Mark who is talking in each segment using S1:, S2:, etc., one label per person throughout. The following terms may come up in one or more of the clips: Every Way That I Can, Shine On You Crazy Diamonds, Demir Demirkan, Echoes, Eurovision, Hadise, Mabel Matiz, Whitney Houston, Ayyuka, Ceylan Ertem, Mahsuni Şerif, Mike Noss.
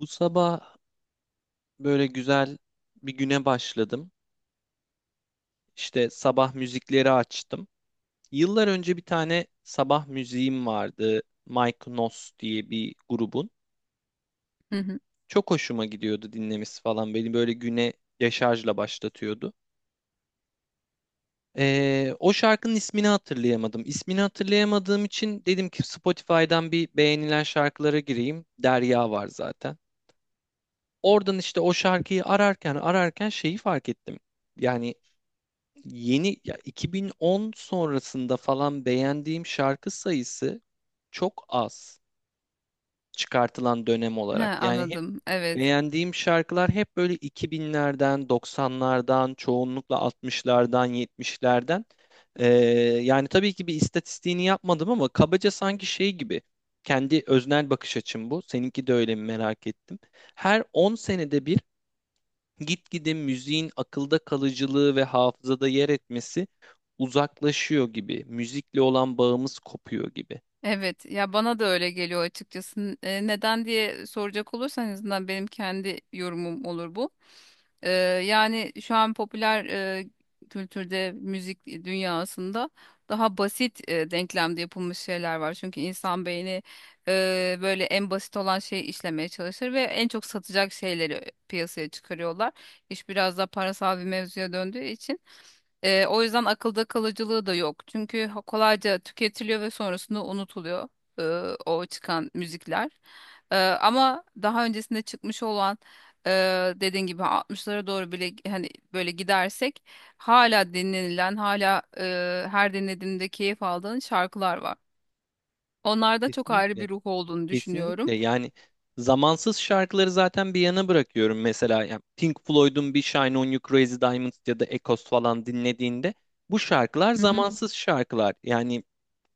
S1: Bu sabah böyle güzel bir güne başladım. İşte sabah müzikleri açtım. Yıllar önce bir tane sabah müziğim vardı. Mike Noss diye bir grubun.
S2: Hı hı.
S1: Çok hoşuma gidiyordu dinlemesi falan. Beni böyle güne deşarjla başlatıyordu. O şarkının ismini hatırlayamadım. İsmini hatırlayamadığım için dedim ki Spotify'dan bir beğenilen şarkılara gireyim. Derya var zaten. Oradan işte o şarkıyı ararken şeyi fark ettim. Yani yeni ya 2010 sonrasında falan beğendiğim şarkı sayısı çok az çıkartılan dönem
S2: He,
S1: olarak. Yani hep
S2: anladım. Evet.
S1: beğendiğim şarkılar hep böyle 2000'lerden, 90'lardan, çoğunlukla 60'lardan, 70'lerden. Ee, Yani tabii ki bir istatistiğini yapmadım ama kabaca sanki şey gibi. Kendi öznel bakış açım bu. Seninki de öyle mi merak ettim. Her 10 senede bir gitgide müziğin akılda kalıcılığı ve hafızada yer etmesi uzaklaşıyor gibi. Müzikle olan bağımız kopuyor gibi.
S2: Evet. Ya bana da öyle geliyor açıkçası. Neden diye soracak olursan en azından benim kendi yorumum olur bu. Ee, Yani şu an popüler kültürde, müzik dünyasında daha basit denklemde yapılmış şeyler var. Çünkü insan beyni böyle en basit olan şeyi işlemeye çalışır ve en çok satacak şeyleri piyasaya çıkarıyorlar. İş biraz da parasal bir mevzuya döndüğü için. O yüzden akılda kalıcılığı da yok. Çünkü kolayca tüketiliyor ve sonrasında unutuluyor ee, o çıkan müzikler. Ama daha öncesinde çıkmış olan dediğin gibi 60'lara doğru bile hani böyle gidersek hala dinlenilen, hala her dinlediğimde keyif aldığın şarkılar var. Onlarda çok ayrı
S1: Kesinlikle.
S2: bir ruh olduğunu düşünüyorum.
S1: Kesinlikle. Yani zamansız şarkıları zaten bir yana bırakıyorum. Mesela yani Pink Floyd'un bir Shine On You Crazy Diamonds ya da Echoes falan dinlediğinde bu şarkılar
S2: Hı hı,
S1: zamansız şarkılar. Yani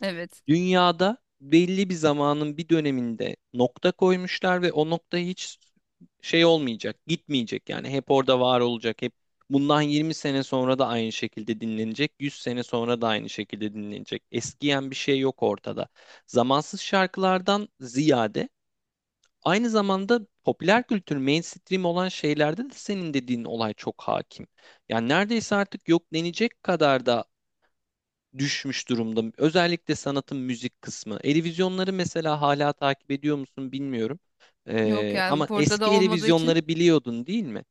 S2: evet.
S1: dünyada belli bir zamanın bir döneminde nokta koymuşlar ve o nokta hiç şey olmayacak, gitmeyecek, yani hep orada var olacak, hep bundan 20 sene sonra da aynı şekilde dinlenecek, 100 sene sonra da aynı şekilde dinlenecek. Eskiyen bir şey yok ortada. Zamansız şarkılardan ziyade aynı zamanda popüler kültür, mainstream olan şeylerde de senin dediğin olay çok hakim. Yani neredeyse artık yok denecek kadar da düşmüş durumda. Özellikle sanatın müzik kısmı. Eurovisionları mesela hala takip ediyor musun bilmiyorum.
S2: Yok
S1: Ama
S2: yani burada da
S1: eski
S2: olmadığı için.
S1: Eurovisionları biliyordun değil mi?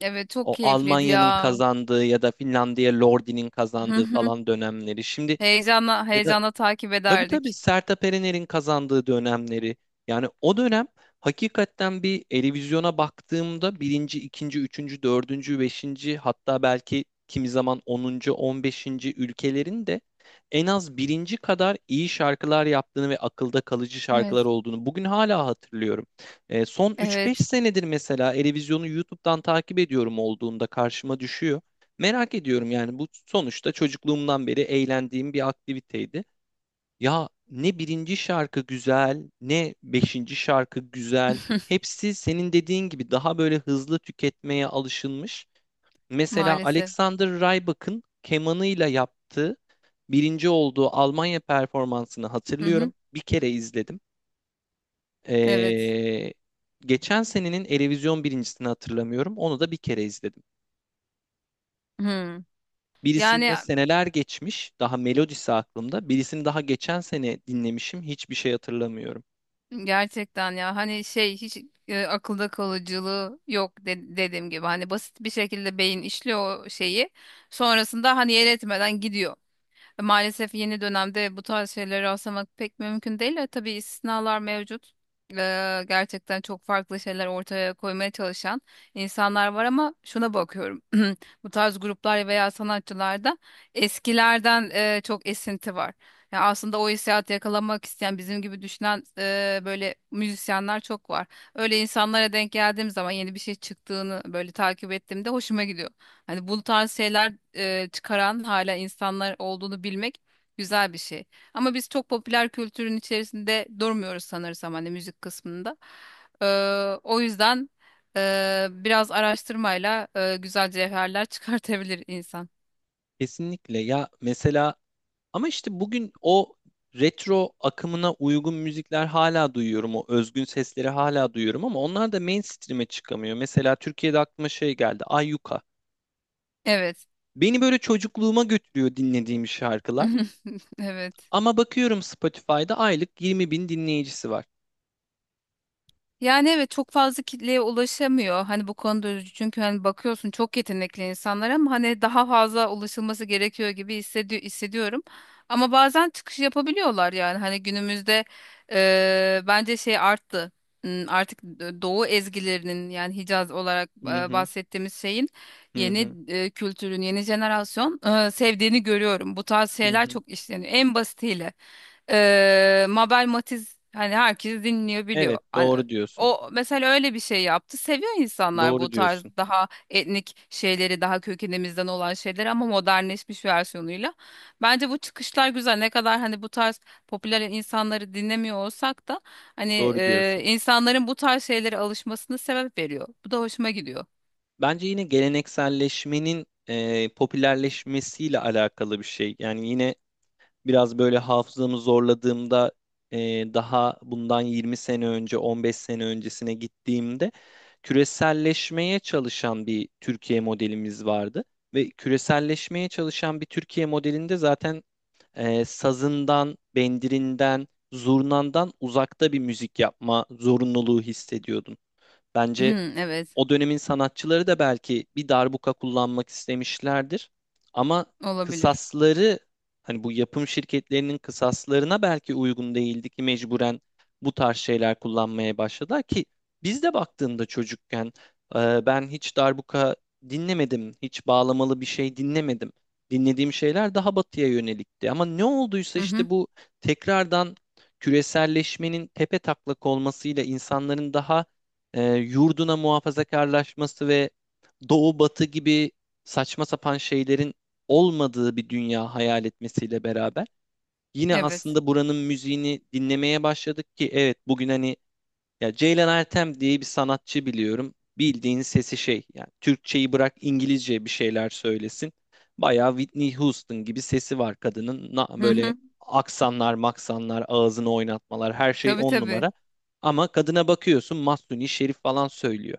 S2: Evet, çok
S1: O
S2: keyifliydi
S1: Almanya'nın
S2: ya.
S1: kazandığı ya da Finlandiya Lordi'nin
S2: Hı
S1: kazandığı
S2: hı.
S1: falan dönemleri. Şimdi
S2: Heyecanla
S1: ya da
S2: heyecanla takip
S1: tabii tabii
S2: ederdik.
S1: Sertab Erener'in kazandığı dönemleri. Yani o dönem hakikaten bir televizyona baktığımda birinci, ikinci, üçüncü, dördüncü, beşinci, hatta belki kimi zaman onuncu, on beşinci ülkelerin de en az birinci kadar iyi şarkılar yaptığını ve akılda kalıcı şarkılar
S2: Evet.
S1: olduğunu bugün hala hatırlıyorum. E, son üç beş
S2: Evet.
S1: senedir mesela televizyonu YouTube'dan takip ediyorum olduğunda karşıma düşüyor. Merak ediyorum yani, bu sonuçta çocukluğumdan beri eğlendiğim bir aktiviteydi. Ya ne birinci şarkı güzel, ne beşinci şarkı güzel. Hepsi senin dediğin gibi daha böyle hızlı tüketmeye alışılmış. Mesela
S2: Maalesef.
S1: Alexander Rybak'ın kemanıyla yaptığı birinci olduğu Almanya performansını
S2: Hı hı.
S1: hatırlıyorum. Bir kere izledim.
S2: Evet.
S1: Ee, Geçen senenin Erevizyon birincisini hatırlamıyorum. Onu da bir kere izledim.
S2: Hı. Yani
S1: Birisinde seneler geçmiş, daha melodisi aklımda. Birisini daha geçen sene dinlemişim, hiçbir şey hatırlamıyorum.
S2: gerçekten ya hani şey hiç akılda kalıcılığı yok dediğim gibi. Hani basit bir şekilde beyin işliyor o şeyi. Sonrasında hani yer etmeden gidiyor. Maalesef yeni dönemde bu tarz şeyleri rastlamak pek mümkün değil. Tabii istisnalar mevcut. E, Gerçekten çok farklı şeyler ortaya koymaya çalışan insanlar var ama şuna bakıyorum. Bu tarz gruplar veya sanatçılarda eskilerden çok esinti var. Ya aslında o hissiyatı yakalamak isteyen bizim gibi düşünen böyle müzisyenler çok var. Öyle insanlara denk geldiğim zaman yeni bir şey çıktığını böyle takip ettiğimde hoşuma gidiyor. Hani bu tarz şeyler çıkaran hala insanlar olduğunu bilmek güzel bir şey. Ama biz çok popüler kültürün içerisinde durmuyoruz sanırsam hani müzik kısmında. Ee, O yüzden biraz araştırmayla güzel cevherler çıkartabilir insan.
S1: Kesinlikle ya, mesela ama işte bugün o retro akımına uygun müzikler hala duyuyorum. O özgün sesleri hala duyuyorum ama onlar da mainstream'e çıkamıyor. Mesela Türkiye'de aklıma şey geldi. Ayyuka.
S2: Evet.
S1: Beni böyle çocukluğuma götürüyor dinlediğim şarkılar.
S2: Evet.
S1: Ama bakıyorum Spotify'da aylık 20 bin dinleyicisi var.
S2: Yani evet, çok fazla kitleye ulaşamıyor. Hani bu konuda üzücü. Çünkü hani bakıyorsun çok yetenekli insanlar ama hani daha fazla ulaşılması gerekiyor gibi hissediyorum. Ama bazen çıkış yapabiliyorlar yani. Hani günümüzde bence şey arttı. Artık Doğu ezgilerinin yani Hicaz olarak
S1: Hı
S2: e,
S1: hı,
S2: bahsettiğimiz şeyin
S1: hı hı,
S2: yeni kültürün, yeni jenerasyon sevdiğini görüyorum. Bu tarz
S1: hı
S2: şeyler
S1: hı.
S2: çok işleniyor. En basitiyle. Mabel Matiz hani herkes dinliyor, biliyor.
S1: Evet,
S2: Hani
S1: doğru diyorsun.
S2: o mesela öyle bir şey yaptı. Seviyor insanlar bu
S1: Doğru
S2: tarz
S1: diyorsun.
S2: daha etnik şeyleri, daha kökenimizden olan şeyleri, ama modernleşmiş versiyonuyla. Bence bu çıkışlar güzel. Ne kadar hani bu tarz popüler insanları dinlemiyor olsak da hani
S1: Doğru diyorsun.
S2: insanların bu tarz şeylere alışmasını sebep veriyor. Bu da hoşuma gidiyor.
S1: Bence yine gelenekselleşmenin e, popülerleşmesiyle alakalı bir şey. Yani yine biraz böyle hafızamı zorladığımda e, daha bundan 20 sene önce, 15 sene öncesine gittiğimde küreselleşmeye çalışan bir Türkiye modelimiz vardı. Ve küreselleşmeye çalışan bir Türkiye modelinde zaten e, sazından, bendirinden, zurnandan uzakta bir müzik yapma zorunluluğu hissediyordun. Bence
S2: Hı, evet,
S1: o dönemin sanatçıları da belki bir darbuka kullanmak istemişlerdir. Ama
S2: olabilir.
S1: kısasları, hani bu yapım şirketlerinin kısaslarına belki uygun değildi ki mecburen bu tarz şeyler kullanmaya başladılar ki biz de baktığında çocukken e, ben hiç darbuka dinlemedim, hiç bağlamalı bir şey dinlemedim. Dinlediğim şeyler daha batıya yönelikti. Ama ne olduysa
S2: Hı hı,
S1: işte bu tekrardan küreselleşmenin tepe taklak olmasıyla insanların daha e, yurduna muhafazakarlaşması ve doğu batı gibi saçma sapan şeylerin olmadığı bir dünya hayal etmesiyle beraber yine
S2: evet.
S1: aslında buranın müziğini dinlemeye başladık ki evet, bugün hani ya Ceylan Ertem diye bir sanatçı biliyorum. Bildiğin sesi şey. Yani Türkçeyi bırak, İngilizce bir şeyler söylesin. Bayağı Whitney Houston gibi sesi var kadının.
S2: Hı
S1: Böyle
S2: hı.
S1: aksanlar, maksanlar, ağzını oynatmalar, her şey
S2: Tabii
S1: on
S2: tabii.
S1: numara. Ama kadına bakıyorsun Mahsuni Şerif falan söylüyor.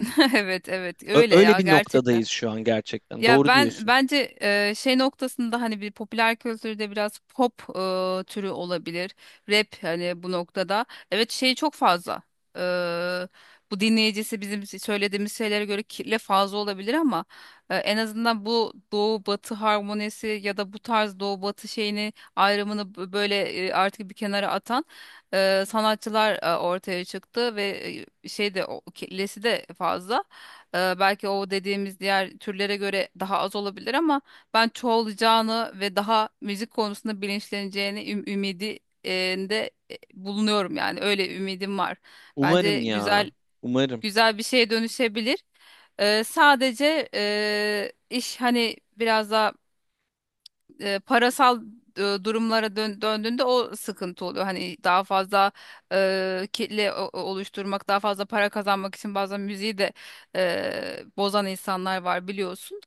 S2: Evet, evet. Öyle
S1: Öyle
S2: ya,
S1: bir noktadayız
S2: gerçekten.
S1: şu an gerçekten.
S2: Ya
S1: Doğru
S2: ben
S1: diyorsun.
S2: bence şey noktasında hani bir popüler kültürde biraz pop türü olabilir. Rap hani bu noktada. Evet şey çok fazla. E, Bu dinleyicisi bizim söylediğimiz şeylere göre kirli fazla olabilir ama en azından bu doğu batı harmonisi ya da bu tarz doğu batı şeyini ayrımını böyle artık bir kenara atan sanatçılar ortaya çıktı ve şey de o kirlisi de fazla. Belki o dediğimiz diğer türlere göre daha az olabilir ama ben çoğalacağını ve daha müzik konusunda bilinçleneceğini ümidi e, de bulunuyorum yani öyle ümidim var.
S1: Umarım
S2: Bence
S1: ya. Umarım.
S2: güzel bir şeye dönüşebilir. Sadece iş hani biraz daha parasal durumlara döndüğünde o sıkıntı oluyor. Hani daha fazla kitle oluşturmak, daha fazla para kazanmak için bazen müziği de bozan insanlar var biliyorsun.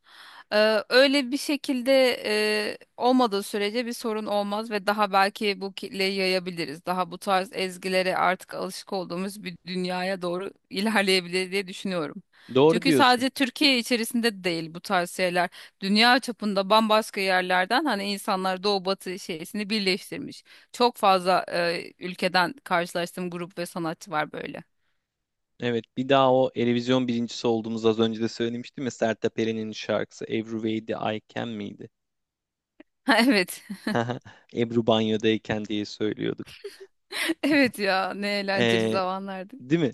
S2: Öyle bir şekilde olmadığı sürece bir sorun olmaz ve daha belki bu kitleyi yayabiliriz. Daha bu tarz ezgilere artık alışık olduğumuz bir dünyaya doğru ilerleyebilir diye düşünüyorum.
S1: Doğru
S2: Çünkü
S1: diyorsun.
S2: sadece Türkiye içerisinde değil, bu tarz şeyler dünya çapında bambaşka yerlerden hani insanlar doğu batı şeysini birleştirmiş. Çok fazla ülkeden karşılaştığım grup ve sanatçı var böyle.
S1: Evet, bir daha o Erevizyon birincisi olduğumuz, az önce de söylemiştim ya, Sertab Erener'in şarkısı Every Way That I Can miydi?
S2: Ha, evet.
S1: Ebru banyodayken diye söylüyorduk.
S2: Evet ya, ne eğlenceli
S1: Ee,
S2: zamanlardı.
S1: Değil mi?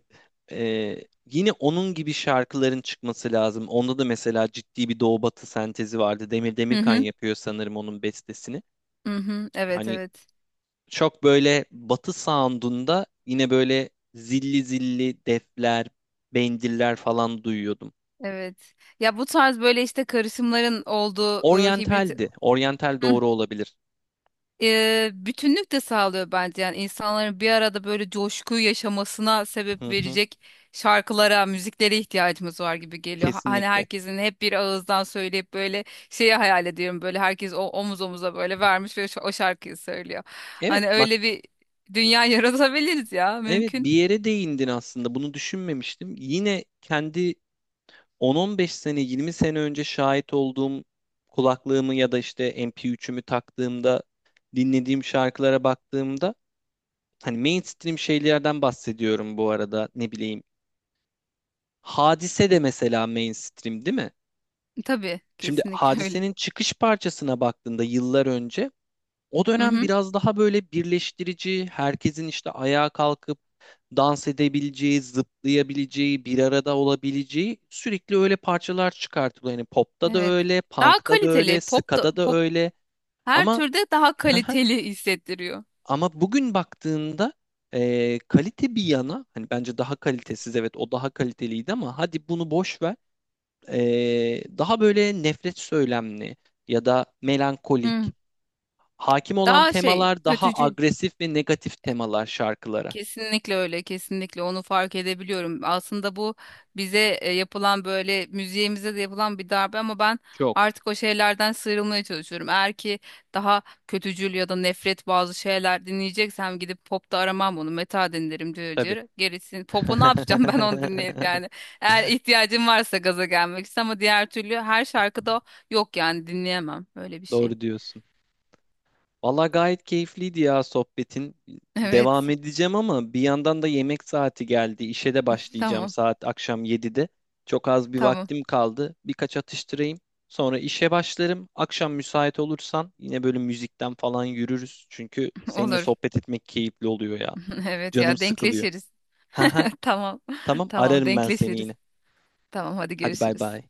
S1: Yine onun gibi şarkıların çıkması lazım. Onda da mesela ciddi bir doğu batı sentezi vardı. Demir
S2: Hı
S1: Demirkan
S2: hı.
S1: yapıyor sanırım onun bestesini.
S2: Hı hı. Evet,
S1: Hani
S2: evet.
S1: çok böyle batı sound'unda yine böyle zilli zilli defler, bendiller falan duyuyordum.
S2: Evet. Ya bu tarz böyle işte karışımların olduğu hibrit
S1: Oryantaldi. Oryantal doğru olabilir.
S2: bütünlük de sağlıyor bence. Yani insanların bir arada böyle coşkuyu yaşamasına
S1: Hı
S2: sebep
S1: hı,
S2: verecek şarkılara, müziklere ihtiyacımız var gibi geliyor. Hani
S1: kesinlikle.
S2: herkesin hep bir ağızdan söyleyip böyle şeyi hayal ediyorum. Böyle herkes o omuz omuza böyle vermiş ve o şarkıyı söylüyor.
S1: Evet,
S2: Hani
S1: bak,
S2: öyle bir dünya yaratabiliriz ya,
S1: evet,
S2: mümkün.
S1: bir yere değindin, aslında bunu düşünmemiştim. Yine kendi 10-15 sene, 20 sene önce şahit olduğum, kulaklığımı ya da işte MP3'ümü taktığımda dinlediğim şarkılara baktığımda, hani mainstream şeylerden bahsediyorum bu arada, ne bileyim. Hadise de mesela mainstream değil mi?
S2: Tabii
S1: Şimdi
S2: kesinlikle öyle.
S1: Hadise'nin çıkış parçasına baktığında yıllar önce o
S2: Hı
S1: dönem
S2: hı,
S1: biraz daha böyle birleştirici, herkesin işte ayağa kalkıp dans edebileceği, zıplayabileceği, bir arada olabileceği sürekli öyle parçalar çıkartılıyor. Yani popta da
S2: evet.
S1: öyle,
S2: Daha
S1: punk'ta da
S2: kaliteli
S1: öyle, ska'da da
S2: pop
S1: öyle.
S2: her
S1: Ama
S2: türde daha kaliteli hissettiriyor.
S1: ama bugün baktığında e, kalite bir yana, hani bence daha kalitesiz, evet, o daha kaliteliydi ama hadi bunu boş ver. E, daha böyle nefret söylemli ya da melankolik.
S2: Hı.
S1: Hakim olan
S2: Daha şey
S1: temalar daha
S2: kötücül.
S1: agresif ve negatif temalar şarkılara.
S2: Kesinlikle öyle, kesinlikle onu fark edebiliyorum. Aslında bu bize yapılan böyle müziğimize de yapılan bir darbe, ama ben
S1: Çok
S2: artık o şeylerden sıyrılmaya çalışıyorum. Eğer ki daha kötücül ya da nefret bazı şeyler dinleyeceksem gidip popta aramam onu, metal dinlerim
S1: tabii.
S2: diyor. Gerisini popu ne yapacağım ben onu dinleyip yani. Eğer ihtiyacım varsa gaza gelmek için, ama diğer türlü her şarkıda yok yani, dinleyemem öyle bir şey.
S1: Doğru diyorsun. Valla gayet keyifliydi ya sohbetin.
S2: Evet,
S1: Devam edeceğim ama bir yandan da yemek saati geldi. İşe de başlayacağım
S2: tamam,
S1: saat akşam 7'de. Çok az bir
S2: tamam.
S1: vaktim kaldı. Birkaç atıştırayım. Sonra işe başlarım. Akşam müsait olursan yine böyle müzikten falan yürürüz. Çünkü seninle
S2: Olur.
S1: sohbet etmek keyifli oluyor ya.
S2: Evet
S1: Canım
S2: ya,
S1: sıkılıyor.
S2: denkleşiriz.
S1: Haha.
S2: Tamam.
S1: Tamam,
S2: Tamam,
S1: ararım ben seni
S2: denkleşiriz.
S1: yine.
S2: Tamam, hadi
S1: Hadi bay
S2: görüşürüz.
S1: bay.